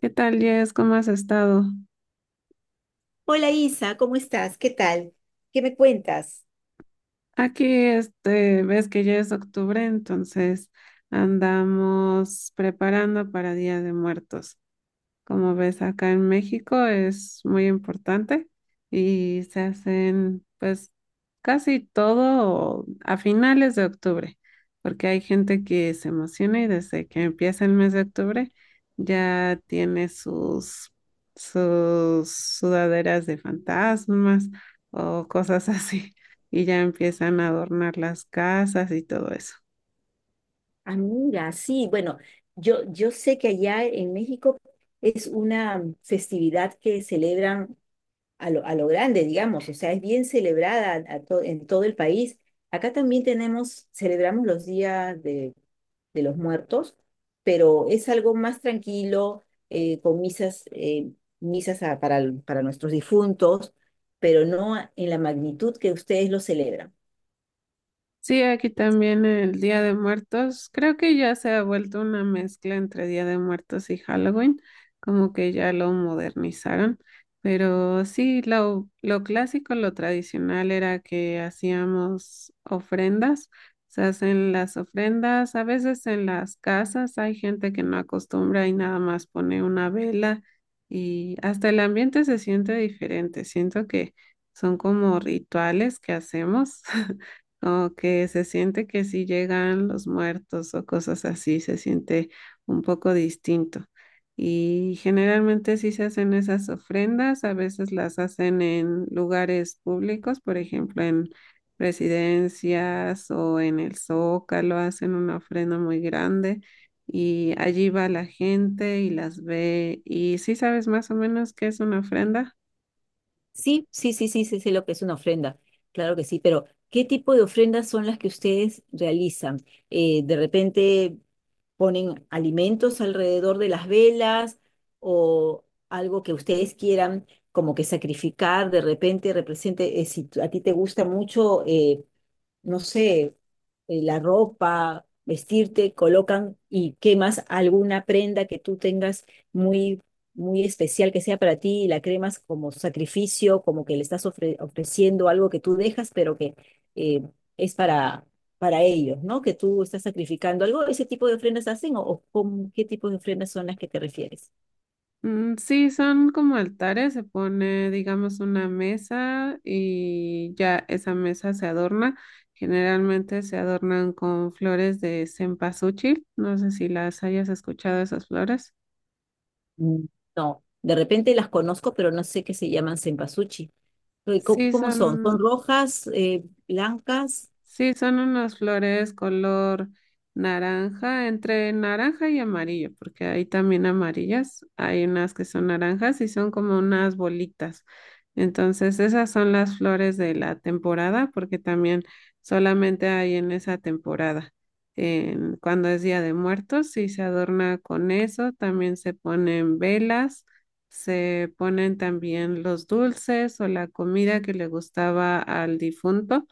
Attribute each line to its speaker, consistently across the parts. Speaker 1: ¿Qué tal, Jess? ¿Cómo has estado?
Speaker 2: Hola Isa, ¿cómo estás? ¿Qué tal? ¿Qué me cuentas?
Speaker 1: Aquí, este, ves que ya es octubre, entonces andamos preparando para Día de Muertos. Como ves, acá en México es muy importante y se hacen pues casi todo a finales de octubre, porque hay gente que se emociona y desde que empieza el mes de octubre ya tiene sus sudaderas de fantasmas o cosas así y ya empiezan a adornar las casas y todo eso.
Speaker 2: Amiga, sí, bueno, yo sé que allá en México es una festividad que celebran a lo grande, digamos, o sea, es bien celebrada en todo el país. Acá también tenemos, celebramos de los muertos, pero es algo más tranquilo, con misas, para nuestros difuntos, pero no en la magnitud que ustedes lo celebran.
Speaker 1: Sí, aquí también el Día de Muertos. Creo que ya se ha vuelto una mezcla entre Día de Muertos y Halloween, como que ya lo modernizaron. Pero sí, lo clásico, lo tradicional era que hacíamos ofrendas. Se hacen las ofrendas, a veces en las casas hay gente que no acostumbra y nada más pone una vela y hasta el ambiente se siente diferente. Siento que son como rituales que hacemos. Como que se siente que si llegan los muertos o cosas así, se siente un poco distinto. Y generalmente sí se hacen esas ofrendas, a veces las hacen en lugares públicos, por ejemplo, en presidencias o en el Zócalo, hacen una ofrenda muy grande y allí va la gente y las ve. ¿Y sí sabes más o menos qué es una ofrenda?
Speaker 2: Sí, sí, sí, sí, sí, sé lo que es una ofrenda, claro que sí, pero ¿qué tipo de ofrendas son las que ustedes realizan? ¿De repente ponen alimentos alrededor de las velas o algo que ustedes quieran como que sacrificar, de repente represente, si tú- a ti te gusta mucho, no sé, la ropa, vestirte, colocan y quemas alguna prenda que tú tengas muy, muy especial que sea para ti y la cremas como sacrificio, como que le estás ofreciendo algo que tú dejas, pero que eh, es para, para ellos, ¿no? Que tú estás sacrificando algo. ¿Ese tipo de ofrendas hacen, o con qué tipo de ofrendas son las que te refieres?
Speaker 1: Mm, sí, son como altares, se pone, digamos, una mesa y ya esa mesa se adorna. Generalmente se adornan con flores de cempasúchil, no sé si las hayas escuchado esas flores.
Speaker 2: Mm, no, de repente las conozco, pero no sé qué se llaman sempasuchi. ¿Cómo,
Speaker 1: Sí,
Speaker 2: cómo son? ¿Son
Speaker 1: son,
Speaker 2: rojas, blancas?
Speaker 1: Sí, son unas flores color naranja, entre naranja y amarillo, porque hay también amarillas, hay unas que son naranjas y son como unas bolitas. Entonces, esas son las flores de la temporada, porque también solamente hay en esa temporada. Cuando es Día de Muertos, sí se adorna con eso, también se ponen velas, se ponen también los dulces o la comida que le gustaba al difunto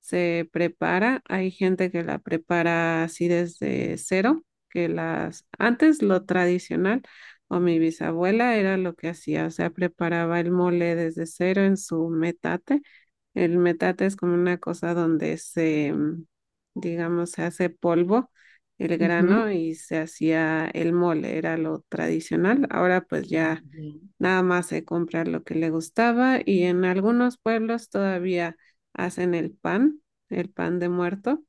Speaker 1: se prepara. Hay gente que la prepara así desde cero, que las antes lo tradicional o mi bisabuela era lo que hacía, o sea, preparaba el mole desde cero en su metate. El metate es como una cosa donde se, digamos, se hace polvo el
Speaker 2: Ujú.
Speaker 1: grano y se hacía el mole, era lo tradicional. Ahora pues ya
Speaker 2: Bien.
Speaker 1: nada más se comprar lo que le gustaba y en algunos pueblos todavía hacen el pan de muerto,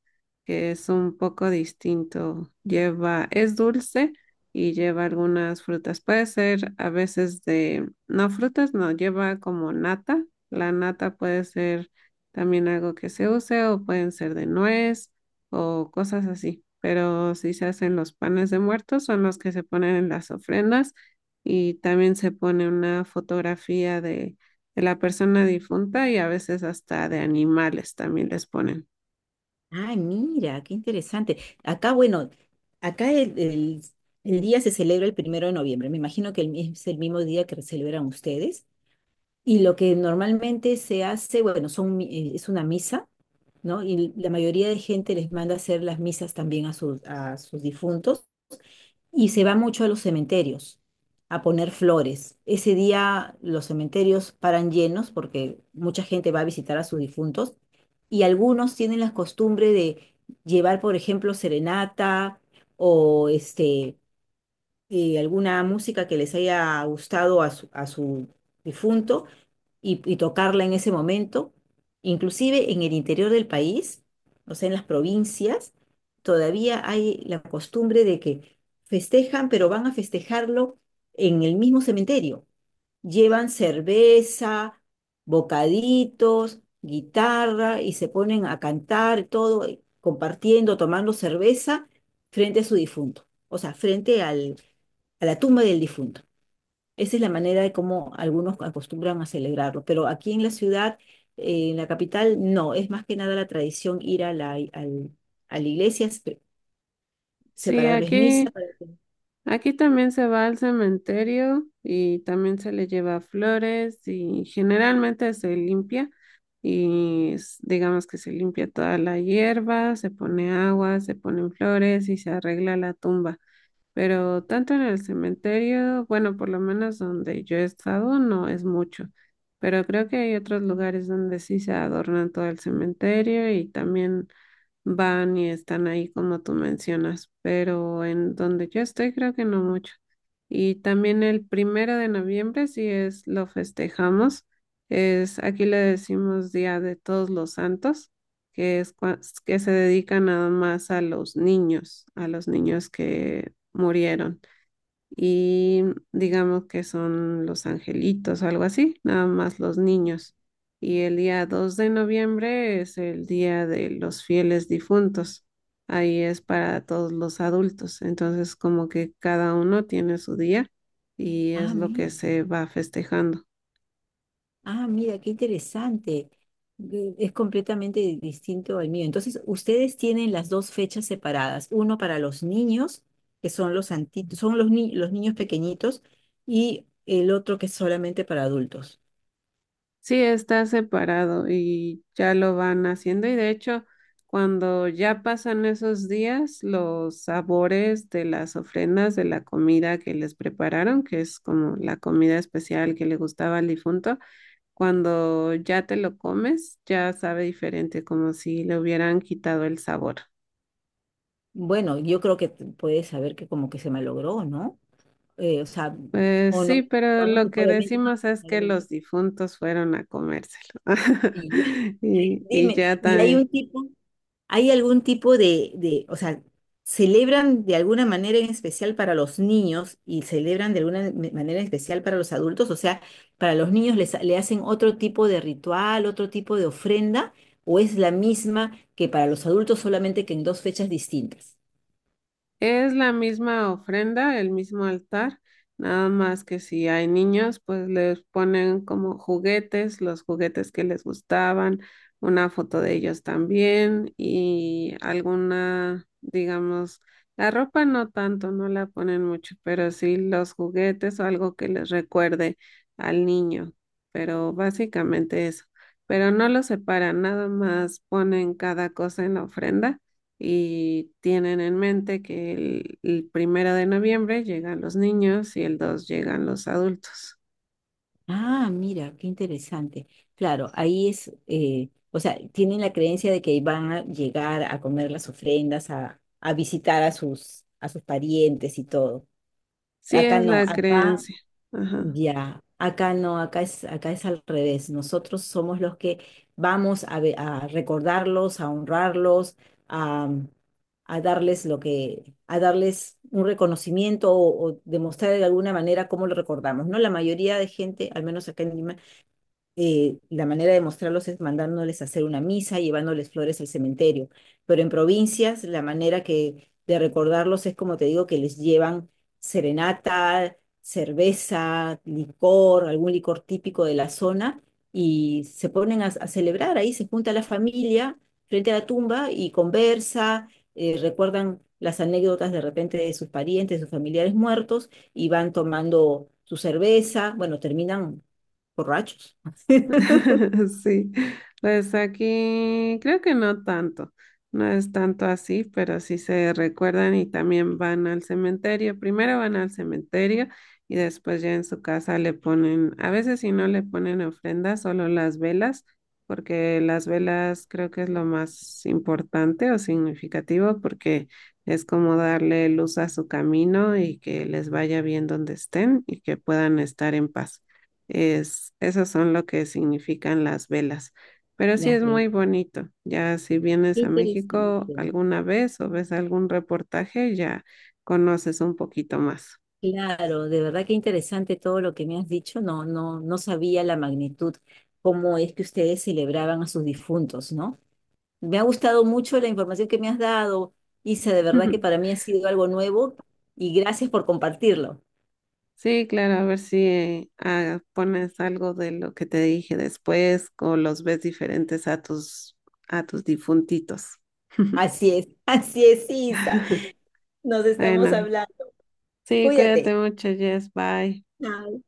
Speaker 1: que es un poco distinto. Lleva, es dulce y lleva algunas frutas. Puede ser a veces de, no frutas, no, lleva como nata. La nata puede ser también algo que se use o pueden ser de nuez o cosas así. Pero si se hacen los panes de muertos son los que se ponen en las ofrendas y también se pone una fotografía de la persona difunta y a veces hasta de animales también les ponen.
Speaker 2: Ay, mira, qué interesante. Acá, bueno, acá el, el- el día se celebra el primero de noviembre. Me imagino que es el mismo día que celebran ustedes. Y lo que normalmente se hace, bueno, es una misa, ¿no? Y la mayoría de gente les manda hacer las misas también a sus difuntos. Y se va mucho a los cementerios a poner flores. Ese día los cementerios paran llenos porque mucha gente va a visitar a sus difuntos y algunos tienen la costumbre de llevar, por ejemplo, serenata o este, alguna música que les haya gustado a su difunto y tocarla en ese momento. Inclusive en el interior del país, o sea, en las provincias, todavía hay la costumbre de que festejan, pero van a festejarlo en el mismo cementerio. Llevan cerveza, bocaditos, guitarra y se ponen a cantar todo, compartiendo, tomando cerveza frente a su difunto, o sea, a la tumba del difunto. Esa es la manera de cómo algunos acostumbran a celebrarlo, pero aquí en la ciudad, en la capital, no, es más que nada la tradición ir a la iglesia,
Speaker 1: Sí,
Speaker 2: separarles misa.
Speaker 1: aquí,
Speaker 2: Para que...
Speaker 1: aquí también se va al cementerio y también se le lleva flores y generalmente se limpia y digamos que se limpia toda la hierba, se pone agua, se ponen flores y se arregla la tumba. Pero tanto en el cementerio, bueno, por lo menos donde yo he estado, no es mucho. Pero creo que hay otros lugares donde sí se adornan todo el cementerio y también van y están ahí como tú mencionas, pero en donde yo estoy creo que no mucho. Y también el 1 de noviembre, si es lo festejamos, es aquí le decimos Día de Todos los Santos, que es que se dedica nada más a los niños que murieron y digamos que son los angelitos o algo así, nada más los niños. Y el día 2 de noviembre es el día de los fieles difuntos. Ahí es para todos los adultos. Entonces, como que cada uno tiene su día y
Speaker 2: Ah,
Speaker 1: es lo que
Speaker 2: mira,
Speaker 1: se va festejando.
Speaker 2: ah, mira, qué interesante. Es completamente distinto al mío. Entonces, ustedes tienen las dos fechas separadas, uno para los niños, que son los anti- son los, ni- los niños pequeñitos, y el otro que es solamente para adultos.
Speaker 1: Sí, está separado y ya lo van haciendo y de hecho cuando ya pasan esos días, los sabores de las ofrendas de la comida que les prepararon, que es como la comida especial que le gustaba al difunto, cuando ya te lo comes, ya sabe diferente, como si le hubieran quitado el sabor.
Speaker 2: Bueno, yo creo que puedes saber que como que se malogró, ¿no? O sea,
Speaker 1: Pues
Speaker 2: o no,
Speaker 1: sí, pero
Speaker 2: no
Speaker 1: lo que
Speaker 2: necesariamente, no
Speaker 1: decimos es que los
Speaker 2: necesariamente.
Speaker 1: difuntos fueron a comérselo.
Speaker 2: Y ya.
Speaker 1: Y, y
Speaker 2: Dime,
Speaker 1: ya ta-
Speaker 2: ¿y hay un tipo, hay algún tipo de, o sea, celebran de alguna manera en especial para los niños y celebran de alguna manera en especial para los adultos? O sea, para los niños le hacen otro tipo de ritual, otro tipo de ofrenda, o es la misma que para los adultos solamente que en dos fechas distintas?
Speaker 1: Es la misma ofrenda, el mismo altar, nada más que si hay niños, pues les ponen como juguetes, los juguetes que les gustaban, una foto de ellos también y alguna, digamos, la ropa no tanto, no la ponen mucho, pero sí los juguetes o algo que les recuerde al niño, pero básicamente eso. Pero no lo separan, nada más ponen cada cosa en la ofrenda y tienen en mente que el primero de noviembre llegan los niños y el 2 llegan los adultos.
Speaker 2: Ah, mira, qué interesante. Claro, ahí es, o sea, tienen la creencia de que van a llegar a comer las ofrendas, a visitar a sus parientes y todo.
Speaker 1: Sí
Speaker 2: Acá
Speaker 1: es
Speaker 2: no,
Speaker 1: la
Speaker 2: acá
Speaker 1: creencia. Ajá.
Speaker 2: ya, acá no, acá es al revés. Nosotros somos los que vamos a, a recordarlos, a honrarlos, a, a darles lo que, a darles un reconocimiento o demostrar de alguna manera cómo lo recordamos, ¿no? La mayoría de gente, al menos acá en Lima, la manera de mostrarlos es mandándoles a hacer una misa, llevándoles flores al cementerio. Pero en provincias, la manera que de recordarlos es como te digo, que les llevan serenata, cerveza, licor, algún licor típico de la zona, y se ponen a celebrar ahí, se junta la familia frente a la tumba y conversa, recuerdan las anécdotas de repente de sus parientes, de sus familiares muertos, y van tomando su cerveza, bueno, terminan borrachos.
Speaker 1: Sí, pues aquí creo que no tanto, no es tanto así, pero sí se recuerdan y también van al cementerio. Primero van al cementerio y después ya en su casa le ponen, a veces si no le ponen ofrendas, solo las velas, porque las velas creo que es lo más importante o significativo, porque es como darle luz a su camino y que les vaya bien donde estén y que puedan estar en paz. Es, esos son lo que significan las velas. Pero sí
Speaker 2: Ya
Speaker 1: es
Speaker 2: ves.
Speaker 1: muy bonito. Ya si
Speaker 2: Qué
Speaker 1: vienes a México
Speaker 2: interesante.
Speaker 1: alguna vez o ves algún reportaje, ya conoces un poquito más.
Speaker 2: Claro, de verdad que interesante todo lo que me has dicho. No, no, no sabía la magnitud, cómo es que ustedes celebraban a sus difuntos, ¿no? Me ha gustado mucho la información que me has dado, Isa. De verdad que para mí ha sido algo nuevo y gracias por compartirlo.
Speaker 1: Sí, claro, a ver si pones algo de lo que te dije después o los ves diferentes a tus difuntitos.
Speaker 2: Así es, así es, Isa. Nos estamos
Speaker 1: Bueno,
Speaker 2: hablando.
Speaker 1: sí,
Speaker 2: Cuídate.
Speaker 1: cuídate mucho, Jess. Bye.
Speaker 2: Chao.